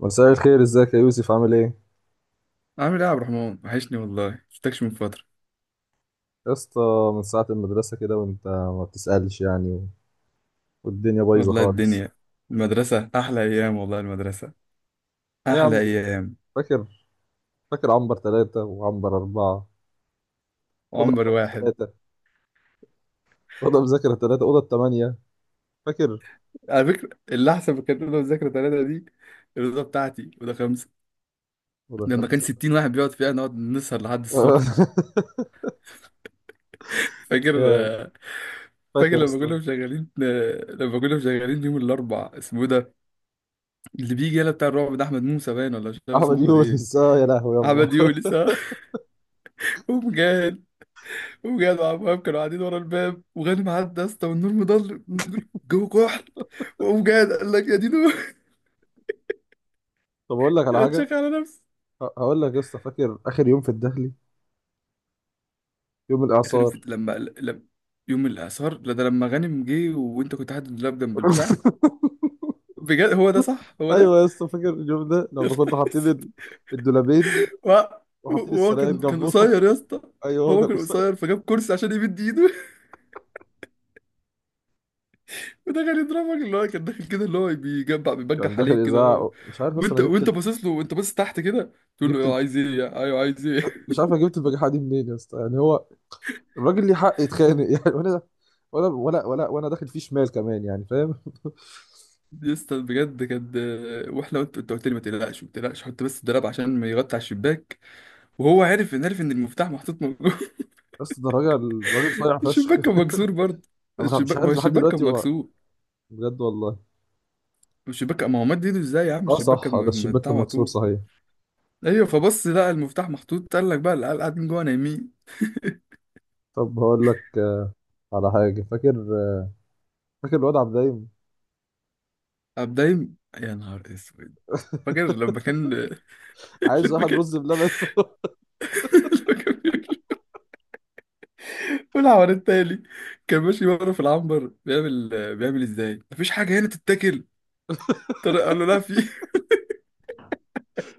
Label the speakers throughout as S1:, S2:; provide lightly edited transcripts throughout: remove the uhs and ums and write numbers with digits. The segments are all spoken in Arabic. S1: مساء الخير، ازيك يا يوسف؟ عامل ايه
S2: عامل ايه يا عبد الرحمن، وحشني والله، شفتكش من فترة.
S1: يا اسطى؟ من ساعة المدرسة كده وانت ما بتسألش يعني. والدنيا بايظة
S2: والله
S1: خالص.
S2: الدنيا، المدرسة أحلى أيام والله، المدرسة
S1: ايه يا
S2: أحلى
S1: عم؟
S2: أيام
S1: فاكر فاكر عنبر ثلاثة وعنبر أربعة. أوضة
S2: عمر
S1: مذاكرة
S2: واحد.
S1: ثلاثة أوضة مذاكرة ثلاثة، أوضة ثمانية. فاكر؟
S2: على فكرة اللي أحسن في الكانتين والذاكرة ثلاثة دي الرضا بتاعتي، وده خمسة
S1: أوضة
S2: لما كان
S1: خمسة.
S2: 60 واحد بيقعد فيها نقعد نسهر لحد الصبح. فاكر،
S1: يا فاكر
S2: فاكر
S1: يا
S2: لما كنا
S1: اسطى؟
S2: مشغلين لما كنا مشغلين يوم الأربع اسمه إيه ده، اللي بيجي يلا بتاع الرعب ده، أحمد موسى باين، ولا مش عارف اسمه
S1: أحمد
S2: أحمد إيه.
S1: يونس، اه يا لهوي يما.
S2: أحمد يونس ها؟ ومجاهد وجدع وهاب كانوا قاعدين ورا الباب، وغانم عدى يا اسطى والنور مضل بنقول جوه كحل، وقام جاد قال لك يا دينو.
S1: طب أقول لك على
S2: انا
S1: حاجة.
S2: اتشك على نفسي.
S1: هقول لك يا اسطى، فاكر آخر يوم في الدخلي؟ يوم
S2: غانم
S1: الإعصار.
S2: في لما يوم الاعصار، لا ده لما غانم جه وانت كنت قاعد اللاب جنب البتاع. بجد هو ده صح، هو
S1: ايوه
S2: ده.
S1: يا اسطى، فاكر اليوم ده
S2: يا
S1: لما كنا
S2: نهار
S1: حاطين
S2: اسود.
S1: الدولابين
S2: وه-
S1: وحاطين
S2: وهو
S1: السراير
S2: كان
S1: جنبهم؟
S2: قصير يا اسطى.
S1: ايوه هو
S2: هو
S1: كان
S2: كان
S1: قصير.
S2: قصير فجاب كرسي عشان يمد ايده. ودخل يضربك، اللي هو كان داخل كده، اللي هو بيجبع
S1: كان
S2: بيبجح
S1: داخل
S2: عليك كده.
S1: اذاعه، مش عارف اصلا
S2: وانت
S1: انا جبت
S2: وانت باصص له، وانت باصص تحت كده تقول له
S1: جبت
S2: ايوه
S1: ال...
S2: عايز ايه، ايوه عايز ايه.
S1: مش عارف انا جبت البجاحه دي منين يا اسطى، يعني هو الراجل ليه حق يتخانق يعني. وانا ولا وانا داخل فيه شمال كمان، يعني فاهم؟
S2: يسطا بجد كانت، واحنا قلت، انت قلت لي ما تقلقش ما تقلقش حط بس الدراب عشان ما يغطي على الشباك، وهو عارف ان، عارف ان المفتاح محطوط موجود.
S1: بس ده راجل راجل صايع فشخ.
S2: الشباك كان مكسور برضه.
S1: انا مش
S2: الشباك، ما هو
S1: عارف لحد
S2: الشباك
S1: دلوقتي
S2: كان
S1: هو.
S2: مكسور.
S1: بجد والله.
S2: الشباك، ما هو مد ايده ازاي يا عم،
S1: اه
S2: الشباك
S1: صح،
S2: كان
S1: آه ده الشباك
S2: بتاع
S1: كان
S2: على
S1: مكسور
S2: طول.
S1: صحيح.
S2: ايوه فبص لقى المفتاح محطوط، قال لك بقى العيال قاعدين جوه نايمين.
S1: طب هقول لك على حاجه، فاكر؟ فاكر الواد عبد الدايم؟
S2: قام دايم يا نهار اسود. فاكر لما كان،
S1: عايز
S2: لما
S1: واحد
S2: كان،
S1: رز بلبن.
S2: لما كان والعوار التالي كان ماشي بره في العنبر بيعمل، بيعمل ازاي مفيش حاجه هنا تتاكل. طارق قال له لا في.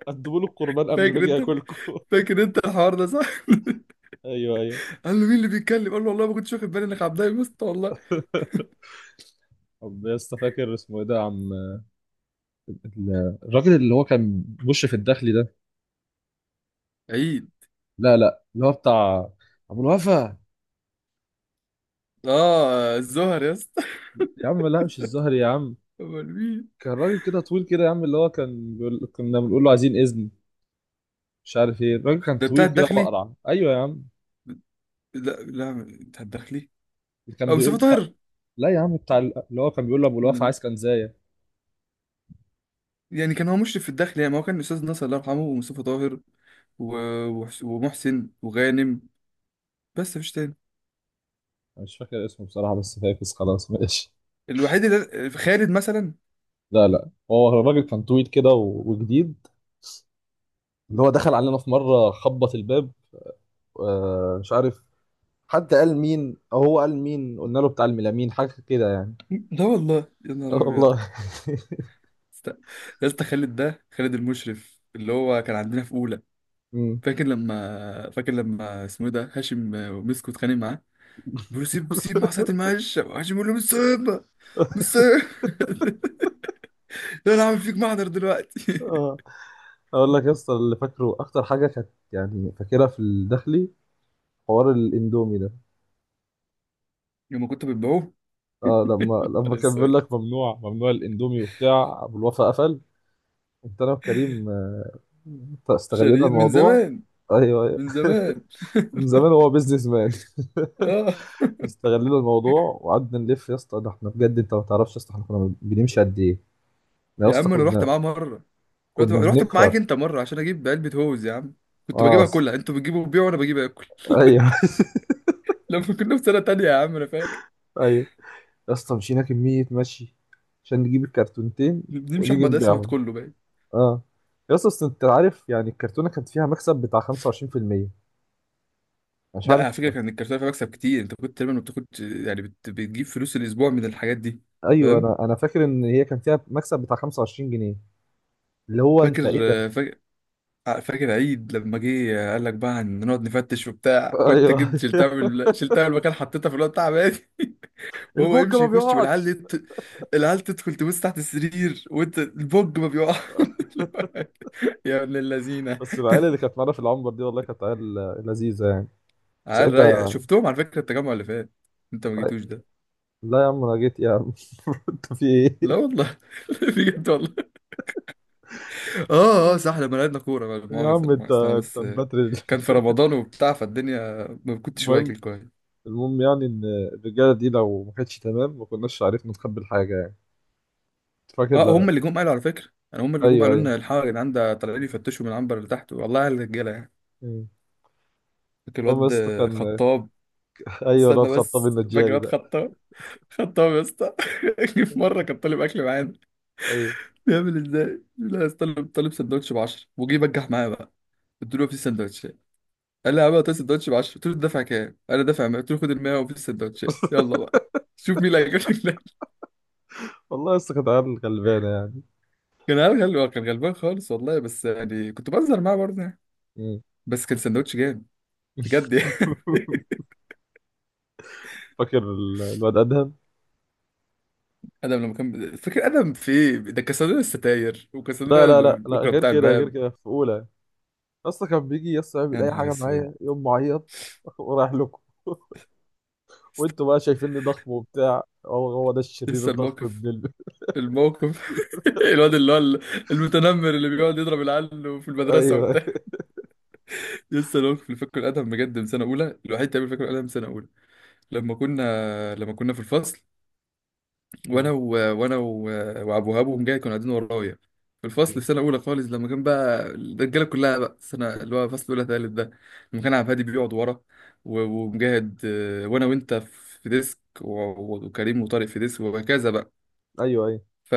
S1: قدموا له القربان قبل ما
S2: فاكر
S1: اجي
S2: انت،
S1: اكلكم.
S2: فاكر انت الحوار ده صح؟
S1: ايوه
S2: قال له مين اللي بيتكلم؟ قال له والله ما كنتش واخد بالي انك عبد الله يا اسطى والله.
S1: ايوه. طب يا اسطى، فاكر اسمه ايه ده يا عم، الراجل اللي هو كان بيخش في الداخلي ده؟
S2: عيد.
S1: لا لا، اللي هو بتاع ابو الوفا.
S2: اه الزهر يا اسطى.
S1: يا عم لا، مش الزهري يا عم.
S2: امال مين؟
S1: كان راجل كده طويل كده يا عم، اللي هو كان بيقول كنا بنقول له عايزين اذن، مش عارف ايه. الراجل كان
S2: ده بتاع
S1: طويل كده
S2: الداخلي؟
S1: واقرع، ايوه يا عم.
S2: لا لا بتاع الداخلي.
S1: اللي كان
S2: اه مصطفى طاهر.
S1: لا يا عم، اللي هو كان بيقول له ابو
S2: امال
S1: الوفا
S2: مين؟
S1: عايز كنزايه.
S2: يعني كان هو مشرف في الداخلي يعني، ما هو كان الاستاذ ناصر الله يرحمه، ومصطفى طاهر ومحسن وغانم. بس مفيش تاني.
S1: انا مش فاكر اسمه بصراحه، بس فاكس خلاص ماشي.
S2: الوحيد اللي خالد مثلا.
S1: لا لا، هو الراجل كان طويل كده و... وجديد، اللي هو دخل علينا في مره خبط الباب، مش عارف. حد قال مين او هو قال مين، قلنا له بتاع الميلامين حاجه كده يعني.
S2: لا والله يا نهار
S1: آه
S2: ابيض.
S1: والله.
S2: است- يا اسطى خالد ده، خالد المشرف اللي هو كان عندنا في اولى.
S1: مم.
S2: فاكر لما اسمه إيه ده، هاشم ومسكوا اتخانق معاه. بيقول له سيب، سيب مع ساعة المعاش، هاشم بيقول له مش سايبها، مش سايبها. انا عامل فيك محضر دلوقتي.
S1: اه اقول لك يا اسطى، اللي فاكره اكتر حاجه كانت يعني فاكرها في الداخلي حوار الاندومي ده.
S2: لما كنت بتبيعوه
S1: اه لما
S2: على
S1: كان بيقول
S2: السؤال
S1: لك ممنوع ممنوع الاندومي، وبتاع ابو الوفا قفل. كنت انا وكريم، استغلينا
S2: شديد من
S1: الموضوع.
S2: زمان،
S1: ايوه ايوه.
S2: من زمان.
S1: من زمان هو بيزنس مان.
S2: اه
S1: استغلينا الموضوع، وقعدنا نلف يا اسطى. ده احنا بجد، انت ما تعرفش يا اسطى احنا كنا بنمشي قد ايه. احنا يا
S2: يا
S1: اسطى
S2: عم انا رحت
S1: كنا،
S2: معاه مرة. رحت
S1: كنا
S2: رحت معاك
S1: بنكفر.
S2: انت مرة عشان اجيب علبة هوز يا عم. كنت
S1: اه
S2: بجيبها كلها، انتوا بتجيبوا وبيعوا وانا بجيب اكل.
S1: ايوه.
S2: لما كنا في سنة تانية يا عم انا فاكر.
S1: ايوه يا اسطى، مشينا كمية مشي عشان نجيب الكرتونتين،
S2: نمشي
S1: ونيجي
S2: احمد اسمت
S1: نبيعهم.
S2: كله بقى.
S1: اه يا اسطى، أصل انت عارف يعني الكرتونة كانت فيها مكسب بتاع 25%، مش
S2: لا على
S1: عارف.
S2: فكره كان الكارتوفه بكسب كتير، انت كنت تقريبا بتاخد يعني، بتجيب فلوس الاسبوع من الحاجات دي.
S1: ايوه،
S2: فاهم.
S1: انا فاكر ان هي كان فيها مكسب بتاع 25 جنيه. اللي هو
S2: فاكر،
S1: انت ايه ده.
S2: فاكر، فاكر عيد لما جه قال لك بقى هنقعد نفتش وبتاع، وانت
S1: ايوه.
S2: جبت شلتها من شلتها من المكان حطيتها في الوقت بتاع عماد. وهو
S1: البوجة
S2: يمشي
S1: ما
S2: يخش والعيال
S1: بيقعش.
S2: دي العيال تدخل تبص تحت السرير، وانت البوج ما بيقع. يا ابن اللذينه.
S1: بس العيال اللي كانت معانا في العنبر دي، والله كانت عيال لذيذة يعني.
S2: عيال رايقه،
S1: ساعتها.
S2: شفتهم على فكره التجمع اللي فات، انت ما جيتوش ده.
S1: لا يا عم، انا جيت يا عم. انت في
S2: لا
S1: ايه؟
S2: والله. بجد والله. اه اه صح، لما لعبنا كورة بقى، لا
S1: يا
S2: مؤاخذة
S1: عم
S2: لا
S1: انت
S2: مؤاخذة، أنا
S1: انت
S2: بس
S1: مبتر.
S2: كان في رمضان وبتاع فالدنيا ما كنتش
S1: المهم
S2: واكل كويس.
S1: المهم يعني ان الرجاله دي لو ما كانتش تمام، ما كناش عرفنا نخبي الحاجه يعني. انت فاكر،
S2: اه
S1: لا؟
S2: هم اللي جم قالوا على فكرة، يعني هم اللي جم
S1: ايوه
S2: قالوا
S1: ايوه.
S2: لنا الحق يا جدعان، ده طالعين يفتشوا من العنبر اللي تحت، والله على الرجالة يعني.
S1: مم.
S2: فاكر
S1: المهم،
S2: الواد
S1: بس كان.
S2: خطاب.
S1: ايوه
S2: استنى
S1: الواد خطاب
S2: بس، فاكر
S1: النجاري
S2: الواد
S1: ده.
S2: خطاب، خطاب يا اسطى. جه في مرة كان طالب أكل معانا.
S1: ايوه.
S2: بيعمل ازاي؟ لا يا اسطى، طالب سندوتش ب 10، وجه بجح معايا بقى. قلت له في سندوتش، قال لي هبقى السندوتش ب 10. قلت له دافع كام؟ قال لي دافع 100. قلت له خد ال 100 وفي السندوتشات يلا بقى، شوف مين اللي هيجيب لك ده.
S1: والله لسه كانت عيال غلبانه يعني.
S2: كان هبل، هو كان غلبان خالص والله، بس يعني كنت بهزر معاه برضه يعني.
S1: مم.
S2: بس كان سندوتش جامد بجد يعني.
S1: فاكر الواد ادهم؟
S2: ادم لما كان، فاكر ادم في ايه ده، كان صندوق الستاير وكان صندوق
S1: لا لا لا لا،
S2: البكره
S1: غير
S2: بتاع
S1: كده، غير
S2: الباب.
S1: كده في اولى. اصلا كان بيجي يسطا
S2: يا
S1: يعمل اي
S2: نهار
S1: حاجه
S2: اسود.
S1: معايا، يوم معيط. ورايح لكم. وانتوا بقى شايفيني ضخم وبتاع، هو هو ده الشرير
S2: لسه
S1: الضخم
S2: الموقف،
S1: ابن ال...
S2: الموقف، الواد اللي هو المتنمر اللي بيقعد يضرب العيال في المدرسه
S1: ايوه.
S2: وبتاع. لسه الموقف اللي فاكره الادم بجد من سنه اولى، الوحيد تقريبا اللي فاكره الادم من سنه اولى. لما كنا في الفصل،
S1: مم.
S2: وانا و... وانا و وابو وهاب، وهم جاي كانوا قاعدين ورايا في الفصل
S1: مم.
S2: في سنه اولى خالص، لما كان بقى الرجاله كلها بقى، السنه اللي هو فصل اولى ثالث ده، لما كان عبد الهادي بيقعد ورا، ومجاهد وانا وانت في ديسك، وكريم وطارق في ديسك، وهكذا بقى.
S1: ايوه ايوه.
S2: ف...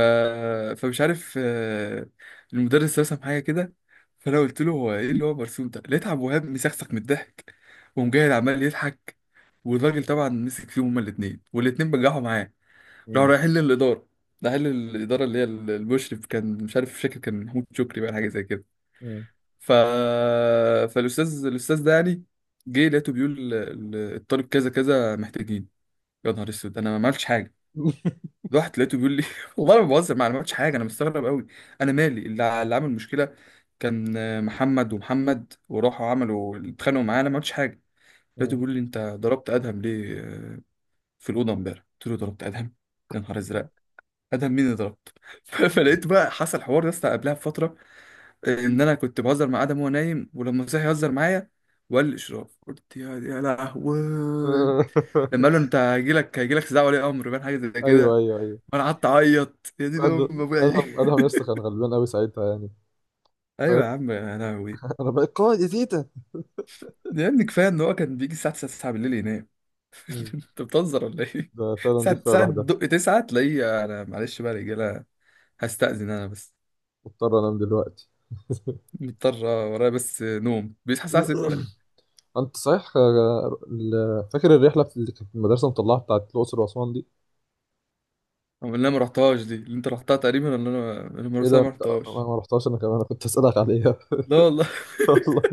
S2: فمش عارف، المدرس رسم حاجه كده، فانا قلت له هو ايه اللي هو مرسوم ده، لقيت عبد الوهاب مسخسخ من الضحك، ومجاهد عمال يضحك، والراجل طبعا مسك فيهم هما الاثنين، والاثنين بجحوا معاه. لو
S1: مم.
S2: رايحين للإدارة، رايحين للإدارة اللي هي المشرف، كان مش عارف فاكر، كان محمود شكري بقى حاجة زي كده.
S1: مم.
S2: ف... فالأستاذ ده يعني، جه لقيته بيقول الطالب كذا كذا محتاجين. يا نهار اسود، انا ما عملتش حاجه. رحت لقيته بيقول لي، والله ما بهزر معاه، انا ما عملتش حاجه، انا مستغرب قوي. انا مالي، اللي اللي عمل مشكله كان محمد ومحمد، وراحوا عملوا اتخانقوا معاه، انا ما عملتش حاجه. لقيته
S1: مم.
S2: بيقول لي انت ضربت ادهم ليه في الاوضه امبارح، قلت له ضربت ادهم؟ يا نهار ازرق، ادهم مين اللي ضربته. فلقيت بقى حصل حوار يا اسطى قبلها بفتره، ان انا كنت بهزر مع ادم وهو نايم، ولما صحي يهزر معايا، وقال لي اشرف. قلت يا لهوي. لما قال له انت هيجيلك استدعاء ولي امر بان حاجه زي
S1: ايوه
S2: كده،
S1: ايوه ايوه.
S2: وانا قعدت اعيط يا دي ام
S1: ادهم
S2: ابويا.
S1: ادهم ادهم يسطا كان غلبان قوي ساعتها يعني، فاهم؟
S2: ايوه يا عم يا لهوي.
S1: انا بقيت قائد يا تيتا.
S2: ده يا ابني كفايه ان هو كان بيجي الساعه 9، 9 بالليل ينام.
S1: مم.
S2: انت بتهزر ولا ايه؟
S1: ده فعلا، دي
S2: ساعه
S1: كفايه
S2: ساعه
S1: لوحدها.
S2: تدق 9 تلاقيه، انا معلش بقى يا رجاله، هستأذن انا بس،
S1: مضطر انام دلوقتي.
S2: مضطر ورايا بس نوم، بيصحى الساعه 6.
S1: انت صحيح، فاكر الرحله اللي كانت المدرسه مطلعه بتاعت الاقصر واسوان دي؟
S2: أو اللي انا ما رحتهاش دي، اللي انت رحتها تقريبا، اللي انا
S1: ايه ده
S2: المرسيه ما
S1: انت، انا
S2: رحتهاش.
S1: ما رحتهاش، انا كمان انا كنت اسالك عليها.
S2: لا والله.
S1: والله.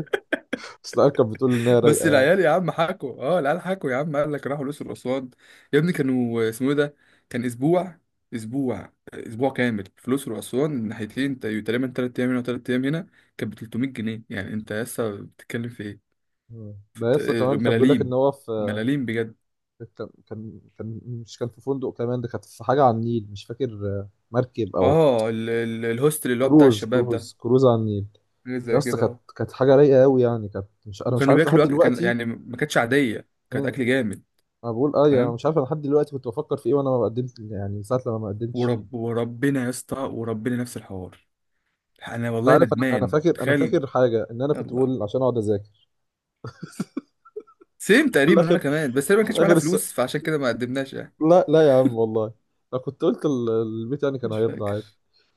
S1: بس العيال كانت بتقول ان هي
S2: بس
S1: رايقه يعني.
S2: العيال يا عم حكوا، اه العيال حكوا يا عم، قال لك راحوا الاقصر واسوان. يا ابني كانوا اسمه ايه ده، كان اسبوع، اسبوع كامل في الاقصر واسوان الناحيتين، تقريبا 3 ايام هنا وثلاث ايام هنا. كانت ب 300 جنيه، يعني انت لسه بتتكلم في ايه،
S1: مم.
S2: في
S1: ده يسطا كمان كان بيقول لك ان
S2: ملاليم،
S1: هو في،
S2: ملاليم بجد.
S1: كان مش كان في فندق كمان. ده كانت في حاجة على النيل، مش فاكر، مركب أو
S2: اه الهوستل اللي هو بتاع
S1: كروز،
S2: الشباب ده،
S1: كروز كروز على النيل.
S2: حاجه
S1: يا
S2: زي
S1: اسطى
S2: كده
S1: كانت
S2: اه.
S1: كانت حاجة رايقة أوي يعني، كانت. مش أنا مش
S2: وكانوا
S1: عارف لحد
S2: بياكلوا أكل كان
S1: دلوقتي.
S2: يعني ما كانتش عاديه، كانت
S1: مم.
S2: اكل جامد.
S1: أنا بقول أه، أنا
S2: فاهم.
S1: مش عارف، أنا لحد دلوقتي كنت بفكر في إيه وأنا ما قدمت يعني، ساعة لما ما قدمتش فيه.
S2: وربنا يا اسطى، وربنا نفس الحوار. انا
S1: أنت
S2: والله
S1: عارف، أنا أنا
S2: ندمان
S1: فاكر أنا
S2: تخيل.
S1: فاكر حاجة، إن أنا كنت
S2: يلا
S1: بقول عشان أقعد أذاكر.
S2: سيم
S1: وفي
S2: تقريبا،
S1: الآخر،
S2: وانا كمان بس تقريبا ما
S1: في
S2: كانش معانا
S1: الآخر الس...
S2: فلوس، فعشان كده ما قدمناش يعني.
S1: لا لا يا عم والله، أنا كنت قلت البيت يعني كان
S2: مش
S1: هيرضى
S2: فاكر.
S1: عادي.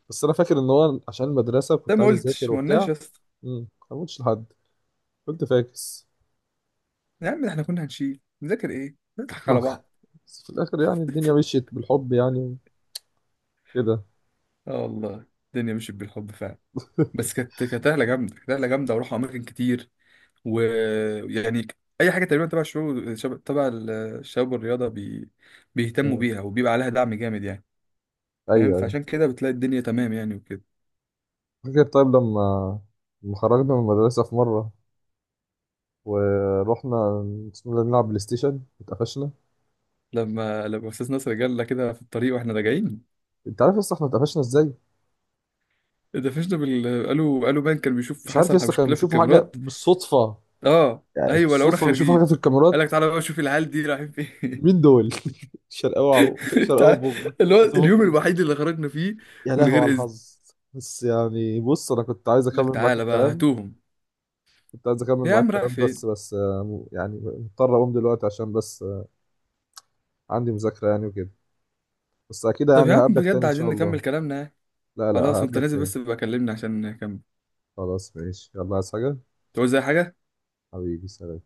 S1: بس أنا فاكر إن هو عشان المدرسة
S2: ده
S1: كنت
S2: ما
S1: عايز أذاكر
S2: قلتش، ما قلناش
S1: وبتاع.
S2: يا اسطى.
S1: مم. ما قلتش لحد، قلت فاكس.
S2: يا عم احنا كنا هنشيل نذاكر ايه، نضحك على بعض.
S1: بس في الاخر، يعني الدنيا مشيت بالحب يعني، كده.
S2: اه والله الدنيا مشيت بالحب فعلا. بس كانت، كانت رحله جامده، كانت رحله جامده، وروح اماكن كتير ويعني، اي حاجه تقريبا تبع الشغل، تبع الشباب والرياضه بيهتموا
S1: مم.
S2: بيها، وبيبقى عليها دعم جامد يعني. فاهم،
S1: ايوه ايوه.
S2: فعشان كده بتلاقي الدنيا تمام يعني وكده.
S1: فاكر طيب لما خرجنا من المدرسة في مرة ورحنا بسم الله نلعب بلاي ستيشن، اتقفشنا.
S2: لما استاذ ناصر جالنا كده في الطريق واحنا راجعين.
S1: انت عارف لسه احنا اتقفشنا ازاي؟
S2: اتقفشنا بال قالوا بان كان بيشوف
S1: مش عارف،
S2: حصل
S1: لسه كانوا
S2: مشكله في
S1: بيشوفوا حاجة
S2: الكاميرات.
S1: بالصدفة
S2: اه
S1: يعني،
S2: ايوه لقونا
S1: بالصدفة بيشوفوا حاجة
S2: خارجين.
S1: في
S2: قال لك
S1: الكاميرات.
S2: تعالى بقى شوف العيال دي رايحين فين.
S1: مين دول؟ شرقاوة. شرقاوة
S2: تع-
S1: بوجبا.
S2: اللي هو
S1: هاتوا
S2: اليوم
S1: بوجني.
S2: الوحيد اللي خرجنا فيه
S1: يا
S2: من
S1: لهوي
S2: غير
S1: على
S2: اذن.
S1: الحظ. بس يعني بص، انا كنت عايز
S2: قال لك
S1: اكمل معاك
S2: تعالى بقى
S1: الكلام
S2: هاتوهم.
S1: كنت عايز اكمل
S2: يا
S1: معاك
S2: عم راح
S1: الكلام بس
S2: فين.
S1: بس يعني مضطر اقوم دلوقتي، عشان بس عندي مذاكرة يعني وكده. بس اكيد
S2: طب يا
S1: يعني
S2: عم
S1: هقابلك تاني
S2: بجد
S1: ان شاء
S2: عايزين
S1: الله.
S2: نكمل كلامنا.
S1: لا لا،
S2: خلاص وانت
S1: هقابلك
S2: نازل
S1: تاني.
S2: بس بقى كلمني عشان نكمل.
S1: خلاص ماشي، يلا. عايز حاجة؟
S2: تقول زي حاجه.
S1: حبيبي، سلام.